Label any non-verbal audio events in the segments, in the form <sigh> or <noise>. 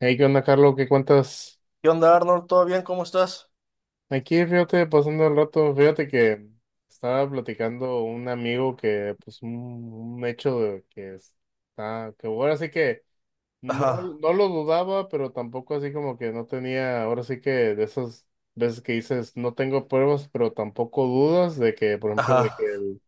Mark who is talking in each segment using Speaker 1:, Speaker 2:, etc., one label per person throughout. Speaker 1: Hey, ¿qué onda, Carlos? ¿Qué cuentas?
Speaker 2: ¿Qué onda, Arnold? ¿Todo bien? ¿Cómo estás?
Speaker 1: Aquí, fíjate, pasando el rato, fíjate que estaba platicando un amigo que, pues, un hecho de que está, que ahora sí que no,
Speaker 2: Ajá,
Speaker 1: no lo dudaba, pero tampoco así como que no tenía, ahora sí que, de esas veces que dices, no tengo pruebas, pero tampoco dudas de que, por ejemplo, de que
Speaker 2: ajá.
Speaker 1: el,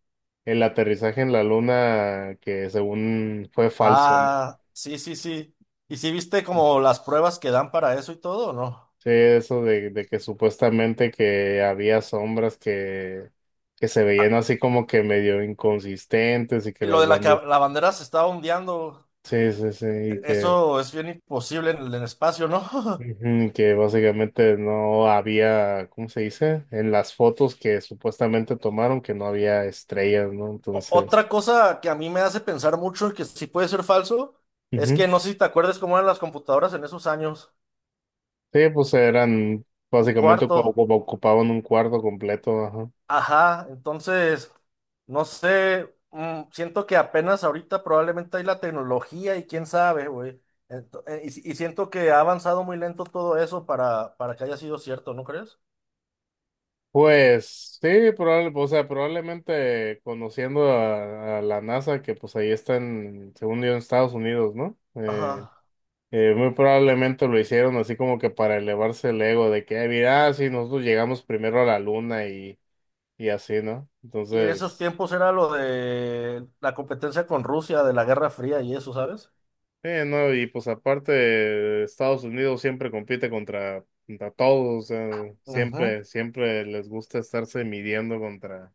Speaker 1: el aterrizaje en la Luna, que según fue falso, ¿no?
Speaker 2: Ah, sí, sí, sí. ¿Y si viste como las pruebas que dan para eso y todo, o no?
Speaker 1: Sí, eso de que supuestamente que había sombras que se
Speaker 2: Ah,
Speaker 1: veían así como que medio inconsistentes y que
Speaker 2: y lo
Speaker 1: las
Speaker 2: de la que
Speaker 1: bandas...
Speaker 2: la bandera se estaba ondeando,
Speaker 1: Sí, sí, sí, y que,
Speaker 2: eso es bien imposible en el espacio, ¿no? <laughs>
Speaker 1: ujú, que básicamente no había. ¿Cómo se dice? En las fotos que supuestamente tomaron que no había estrellas, ¿no? Entonces,
Speaker 2: Otra cosa que a mí me hace pensar mucho y que sí puede ser falso, es que
Speaker 1: ujú.
Speaker 2: no sé si te acuerdas cómo eran las computadoras en esos años.
Speaker 1: Sí, pues eran
Speaker 2: Un
Speaker 1: básicamente
Speaker 2: cuarto.
Speaker 1: como ocupaban un cuarto completo.
Speaker 2: Ajá, entonces, no sé, siento que apenas ahorita probablemente hay la tecnología y quién sabe, güey. Ento- Y, si- y siento que ha avanzado muy lento todo eso para que haya sido cierto, ¿no crees?
Speaker 1: Pues sí, o sea, probablemente conociendo a la NASA, que pues ahí está en, según yo, en Estados Unidos, ¿no?
Speaker 2: Ajá.
Speaker 1: Muy probablemente lo hicieron así como que para elevarse el ego de que, "Ah, mira, si nosotros llegamos primero a la Luna", y así, ¿no?
Speaker 2: Y en esos
Speaker 1: Entonces,
Speaker 2: tiempos era lo de la competencia con Rusia, de la Guerra Fría y eso, ¿sabes?
Speaker 1: no, y pues aparte, Estados Unidos siempre compite contra todos, o sea,
Speaker 2: Ujú.
Speaker 1: siempre, siempre les gusta estarse midiendo contra.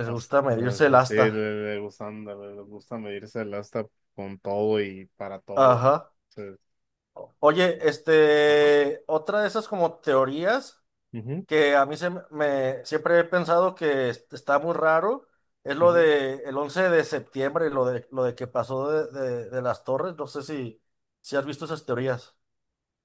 Speaker 2: Les gusta medirse el
Speaker 1: Hasta, sí,
Speaker 2: asta.
Speaker 1: le gusta medirse el hasta con todo y para todo.
Speaker 2: Ajá.
Speaker 1: Sí.
Speaker 2: Oye,
Speaker 1: Ajá.
Speaker 2: otra de esas como teorías.
Speaker 1: Ujú,
Speaker 2: Que a mí siempre he pensado que está muy raro, es lo
Speaker 1: ujú.
Speaker 2: de el 11 de septiembre, lo de, de las torres, no sé si, si has visto esas teorías.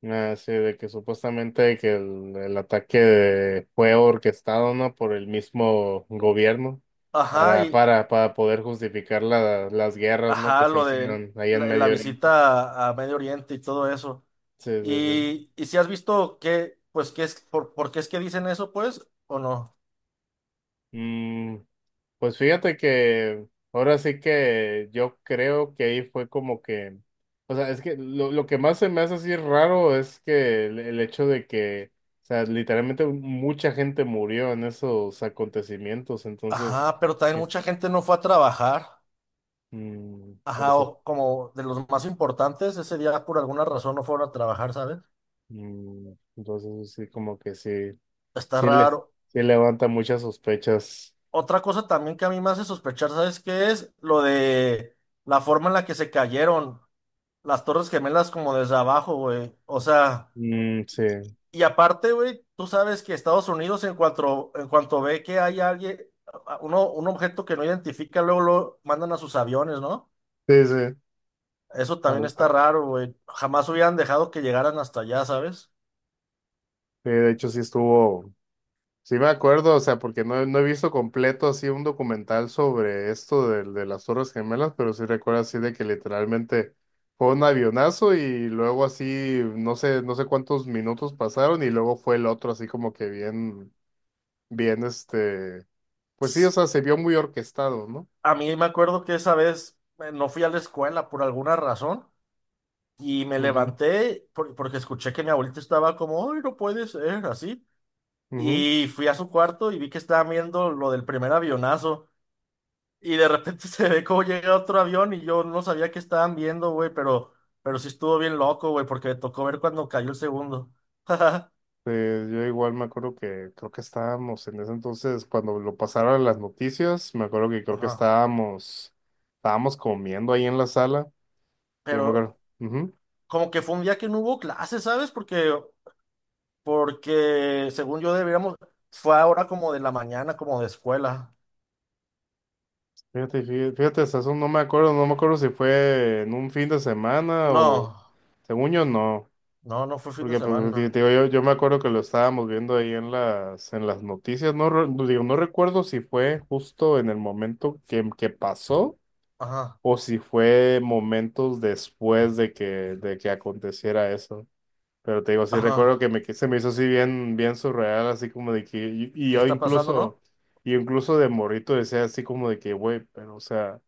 Speaker 1: Ah, sí, de que supuestamente que el ataque fue orquestado, ¿no? Por el mismo gobierno,
Speaker 2: Ajá,
Speaker 1: para,
Speaker 2: y
Speaker 1: para, para poder justificar las guerras, ¿no? que
Speaker 2: ajá,
Speaker 1: se
Speaker 2: lo de
Speaker 1: hicieron ahí en
Speaker 2: la
Speaker 1: Medio Oriente.
Speaker 2: visita a Medio Oriente y todo eso.
Speaker 1: Sí, sí, sí.
Speaker 2: Y si has visto que, pues, por qué es que dicen eso, pues, o no.
Speaker 1: Mm, pues fíjate que ahora sí que yo creo que ahí fue como que, o sea, es que lo que más se me hace así raro es que el hecho de que, o sea, literalmente mucha gente murió en esos acontecimientos. Entonces,
Speaker 2: Ajá, pero también
Speaker 1: eh,
Speaker 2: mucha gente no fue a trabajar.
Speaker 1: mm,
Speaker 2: Ajá,
Speaker 1: eso,
Speaker 2: o como de los más importantes, ese día por alguna razón no fueron a trabajar, ¿sabes?
Speaker 1: entonces, sí, como que sí,
Speaker 2: Está
Speaker 1: sí
Speaker 2: raro.
Speaker 1: les, sí levanta muchas sospechas.
Speaker 2: Otra cosa también que a mí me hace sospechar, ¿sabes qué es? Lo de la forma en la que se cayeron las Torres Gemelas como desde abajo, güey. O sea,
Speaker 1: Mm, sí,
Speaker 2: y aparte, güey, tú sabes que Estados Unidos en cuanto ve que hay alguien, un objeto que no identifica, luego lo mandan a sus aviones, ¿no?
Speaker 1: sí, sí.
Speaker 2: Eso también
Speaker 1: Al-
Speaker 2: está
Speaker 1: a-
Speaker 2: raro, güey. Jamás hubieran dejado que llegaran hasta allá, ¿sabes?
Speaker 1: sí, de hecho sí estuvo. Sí me acuerdo, o sea, porque no, no he visto completo así un documental sobre esto de las Torres Gemelas, pero sí recuerdo así de que literalmente fue un avionazo y luego así, no sé, no sé cuántos minutos pasaron y luego fue el otro así como que bien, bien este, pues sí, o
Speaker 2: Tss,
Speaker 1: sea, se vio muy orquestado, ¿no?
Speaker 2: A mí me acuerdo que esa vez no fui a la escuela por alguna razón. Y me
Speaker 1: Ujú,
Speaker 2: levanté porque escuché que mi abuelita estaba como, ay, no puede ser, así.
Speaker 1: ujú.
Speaker 2: Y fui a su cuarto y vi que estaban viendo lo del primer avionazo. Y de repente <laughs> se ve cómo llega otro avión y yo no sabía qué estaban viendo, güey, pero sí estuvo bien loco, güey, porque me tocó ver cuando cayó el segundo. <laughs> Ajá.
Speaker 1: Yo igual me acuerdo que creo que estábamos en ese entonces, cuando lo pasaron las noticias, me acuerdo que creo que estábamos comiendo ahí en la sala. Sí, yo me
Speaker 2: Pero
Speaker 1: acuerdo. Ujú.
Speaker 2: como que fue un día que no hubo clases, ¿sabes? Porque según yo deberíamos, fue ahora como de la mañana, como de escuela.
Speaker 1: Fíjate, fíjate, fíjate, hasta eso no me acuerdo, no me acuerdo si fue en un fin de semana o
Speaker 2: No,
Speaker 1: según yo no,
Speaker 2: no fue fin de
Speaker 1: porque pues,
Speaker 2: semana.
Speaker 1: digo, yo me acuerdo que lo estábamos viendo ahí en las noticias. No, no recuerdo si fue justo en el momento que pasó
Speaker 2: Ajá.
Speaker 1: o si fue momentos después de que aconteciera eso. Pero te digo, sí recuerdo
Speaker 2: Ajá.
Speaker 1: que se me hizo así bien, bien surreal, así como de que, y
Speaker 2: ¿Qué
Speaker 1: yo
Speaker 2: está pasando,
Speaker 1: incluso,
Speaker 2: no?
Speaker 1: y incluso de morrito decía así como de que, güey, pero o sea,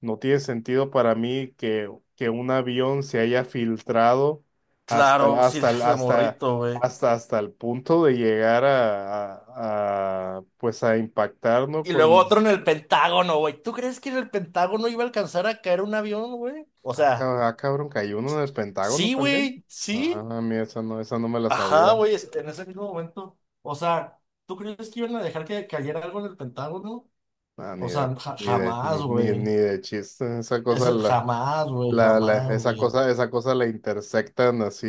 Speaker 1: no tiene sentido para mí que un avión se haya filtrado hasta, el-
Speaker 2: Claro, sí, <laughs>
Speaker 1: hasta, el-
Speaker 2: desde
Speaker 1: hasta,
Speaker 2: morrito, güey.
Speaker 1: hasta el punto de llegar pues a impactar, ¿no?
Speaker 2: Y luego
Speaker 1: Con,
Speaker 2: otro en el Pentágono, güey. ¿Tú crees que en el Pentágono iba a alcanzar a caer un avión, güey? O sea,
Speaker 1: cabrón, cayó uno en el Pentágono
Speaker 2: sí,
Speaker 1: también.
Speaker 2: güey, sí.
Speaker 1: Ah, mira, esa no me la
Speaker 2: Ajá,
Speaker 1: sabía.
Speaker 2: güey, en ese mismo momento. O sea, ¿tú crees que iban a dejar que cayera algo en el Pentágono?
Speaker 1: No,
Speaker 2: O sea, jamás,
Speaker 1: ni
Speaker 2: güey.
Speaker 1: de chiste. Esa cosa
Speaker 2: Jamás, güey, jamás,
Speaker 1: esa
Speaker 2: güey.
Speaker 1: cosa, esa cosa la intersectan así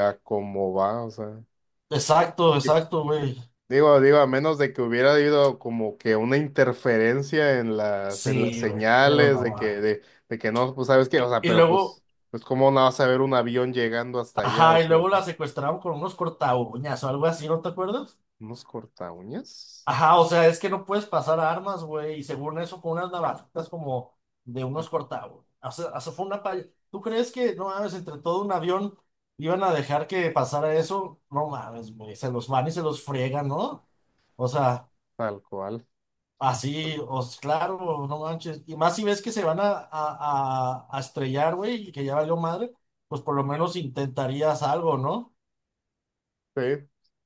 Speaker 1: a como va, o sea.
Speaker 2: Exacto,
Speaker 1: Di-
Speaker 2: exacto, güey.
Speaker 1: digo, a menos de que hubiera habido como que una interferencia en las
Speaker 2: Sí, güey, pero
Speaker 1: señales
Speaker 2: no,
Speaker 1: de
Speaker 2: güey.
Speaker 1: que no, pues sabes qué, o sea,
Speaker 2: Y
Speaker 1: pero
Speaker 2: luego.
Speaker 1: pues cómo no vas a ver un avión llegando hasta allá, o
Speaker 2: Ajá, y
Speaker 1: sea,
Speaker 2: luego la secuestraron con unos cortaúñas o algo así, ¿no te acuerdas?
Speaker 1: unos cortaúñas.
Speaker 2: Ajá, o sea, es que no puedes pasar armas, güey, y según eso, con unas navajitas como de
Speaker 1: Ah,
Speaker 2: unos cortaúñas. O sea, eso fue una palla. ¿Tú crees que, no mames, entre todo un avión iban a dejar que pasara eso? No mames, güey, se los van y se los friegan, ¿no? O sea,
Speaker 1: tal cual.
Speaker 2: así, os, claro, no manches. Y más si ves que se van a estrellar, güey, y que ya valió madre, pues por lo menos intentarías algo, ¿no?
Speaker 1: Sí,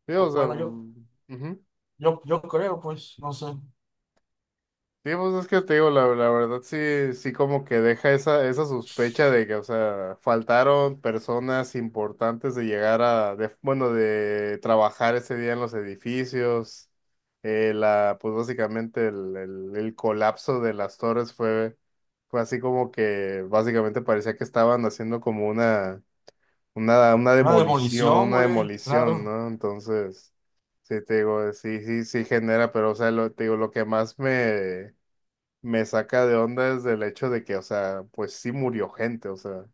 Speaker 1: sí, o sea,
Speaker 2: Bueno, yo.
Speaker 1: ujú.
Speaker 2: Yo creo, pues, no sé.
Speaker 1: Sí, pues es que te digo, la verdad sí, sí como que deja esa sospecha de que, o sea, faltaron personas importantes de llegar a, bueno, de trabajar ese día en los edificios. Pues básicamente el colapso de las torres fue así como que básicamente parecía que estaban haciendo como una
Speaker 2: Una
Speaker 1: demolición,
Speaker 2: demolición,
Speaker 1: una
Speaker 2: güey,
Speaker 1: demolición,
Speaker 2: claro.
Speaker 1: ¿no? Entonces, sí, te digo, sí, sí, sí genera, pero, o sea, te digo, lo que más me saca de onda desde el hecho de que, o sea, pues sí murió gente, o sea,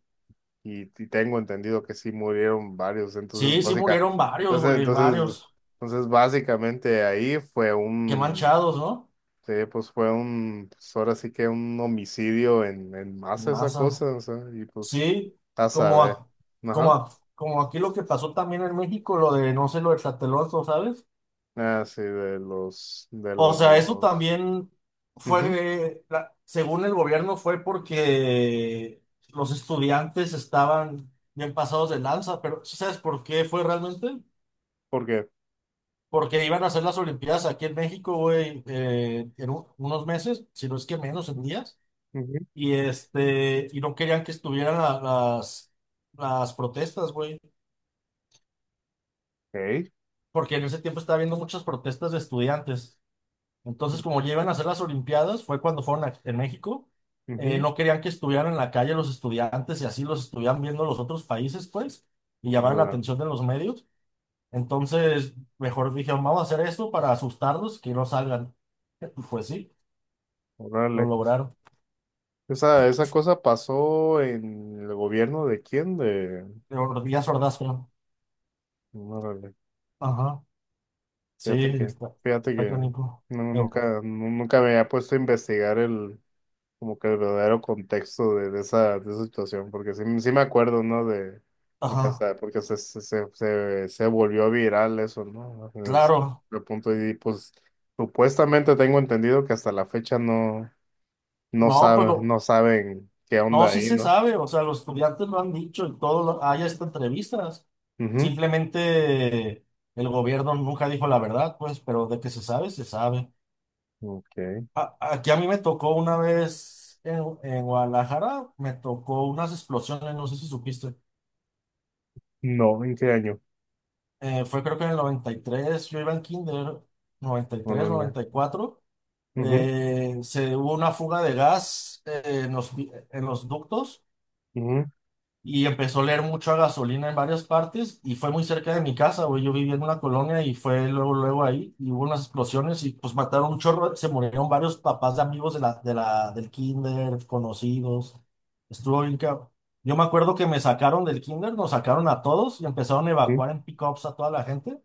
Speaker 1: y tengo entendido que sí murieron varios.
Speaker 2: Sí, sí murieron varios,
Speaker 1: Entonces,
Speaker 2: güey,
Speaker 1: entonces,
Speaker 2: varios.
Speaker 1: entonces básicamente ahí fue
Speaker 2: Qué
Speaker 1: un,
Speaker 2: manchados, ¿no?
Speaker 1: sí, pues fue un, pues ahora sí que un homicidio en masa esa
Speaker 2: Masa.
Speaker 1: cosa, o sea, y pues,
Speaker 2: Sí,
Speaker 1: a
Speaker 2: como,
Speaker 1: saber,
Speaker 2: a- como,
Speaker 1: ajá,
Speaker 2: como aquí lo que pasó también en México, lo de, no sé, lo de Tlatelolco, ¿sabes?
Speaker 1: ah, sí,
Speaker 2: O sea, eso también
Speaker 1: mhm.
Speaker 2: fue, según el gobierno, fue porque los estudiantes estaban bien pasados de lanza, pero ¿sí sabes por qué fue realmente?
Speaker 1: ¿Por qué?
Speaker 2: Porque iban a hacer las Olimpiadas aquí en México, güey, en unos meses, si no es que menos, en días.
Speaker 1: Mhm,
Speaker 2: Y este, y no querían que estuvieran las protestas, güey.
Speaker 1: ok,
Speaker 2: Porque en ese tiempo estaba habiendo muchas protestas de estudiantes. Entonces, como ya iban a hacer las Olimpiadas, fue cuando en México. Eh,
Speaker 1: ujú,
Speaker 2: no querían que estuvieran en la calle los estudiantes y así los estuvieran viendo los otros países, pues, y llamaban la
Speaker 1: ala,
Speaker 2: atención de los medios. Entonces, mejor dijeron, vamos a hacer esto para asustarlos, que no salgan. <laughs> Pues sí, lo
Speaker 1: órale.
Speaker 2: lograron.
Speaker 1: Esa cosa pasó en el gobierno de quién, de...
Speaker 2: De Díaz Ordaz, creo.
Speaker 1: Órale,
Speaker 2: Ajá, sí,
Speaker 1: fíjate que,
Speaker 2: está,
Speaker 1: fíjate
Speaker 2: está
Speaker 1: que
Speaker 2: canijo.
Speaker 1: no,
Speaker 2: Pero,
Speaker 1: nunca, nunca me había puesto a investigar como que el verdadero contexto de esa situación, porque sí, sí me acuerdo, ¿no? De, porque
Speaker 2: ajá,
Speaker 1: hasta, porque se volvió viral eso, ¿no?
Speaker 2: claro.
Speaker 1: De punto y pues supuestamente tengo entendido que hasta la fecha no, no
Speaker 2: No, pues
Speaker 1: saben,
Speaker 2: lo,
Speaker 1: no saben qué
Speaker 2: no,
Speaker 1: onda
Speaker 2: sí
Speaker 1: ahí,
Speaker 2: se
Speaker 1: ¿no?
Speaker 2: sabe, o sea, los estudiantes lo han dicho y todo, hay hasta entrevistas.
Speaker 1: Ujú.
Speaker 2: Simplemente el gobierno nunca dijo la verdad, pues, pero de que se sabe, se sabe.
Speaker 1: Ok.
Speaker 2: Aquí a mí me tocó una vez en Guadalajara, me tocó unas explosiones, no sé si supiste.
Speaker 1: No, ¿en qué año?
Speaker 2: Fue creo que en el 93, yo iba en kinder, 93,
Speaker 1: Órale.
Speaker 2: 94.
Speaker 1: Ujú,
Speaker 2: Se hubo una fuga de gas en los, en los ductos
Speaker 1: ujú,
Speaker 2: y empezó a leer mucho a gasolina en varias partes y fue muy cerca de mi casa, güey. Yo vivía en una colonia y fue luego, luego ahí y hubo unas explosiones y pues mataron un chorro, se murieron varios papás de amigos de del kinder, conocidos. Estuvo bien cabrón. Yo me acuerdo que me sacaron del kinder, nos sacaron a todos y empezaron a
Speaker 1: ujú,
Speaker 2: evacuar en pick-ups a toda la gente.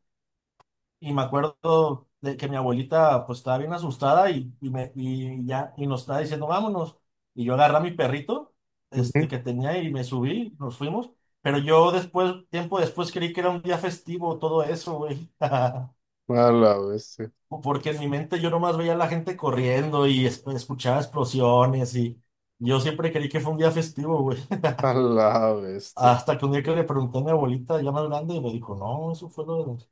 Speaker 2: Y me acuerdo de que mi abuelita pues estaba bien asustada y me, y ya y nos estaba diciendo vámonos. Y yo agarré a mi perrito este,
Speaker 1: ujú.
Speaker 2: que tenía y me subí, nos fuimos. Pero yo después, tiempo después, creí que era un día festivo todo eso, güey. <laughs>
Speaker 1: A la bestia.
Speaker 2: Porque en mi mente yo nomás veía a la gente corriendo y escuchaba explosiones y yo siempre creí que fue un día festivo, güey. <laughs>
Speaker 1: A la bestia.
Speaker 2: Hasta que un día que le pregunté a mi abuelita ya más grande y me dijo, no, eso fue lo de...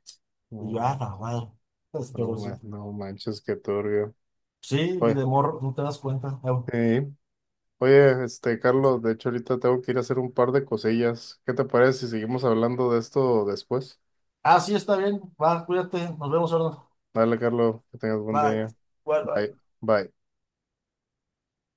Speaker 2: Y yo,
Speaker 1: No,
Speaker 2: ah,
Speaker 1: man-
Speaker 2: la madre. Pues,
Speaker 1: no,
Speaker 2: pero sí.
Speaker 1: man- no manches, qué turbio.
Speaker 2: Sí, y
Speaker 1: Oye,
Speaker 2: de morro, no te das cuenta.
Speaker 1: sí. Oye, este, Carlos, de hecho ahorita tengo que ir a hacer un par de cosillas. ¿Qué te parece si seguimos hablando de esto después?
Speaker 2: Ah, sí, está bien. Va, cuídate. Nos vemos, ahora.
Speaker 1: Dale, Carlos, que tengas buen
Speaker 2: Bye.
Speaker 1: día.
Speaker 2: Bye, bye.
Speaker 1: Bye. Bye.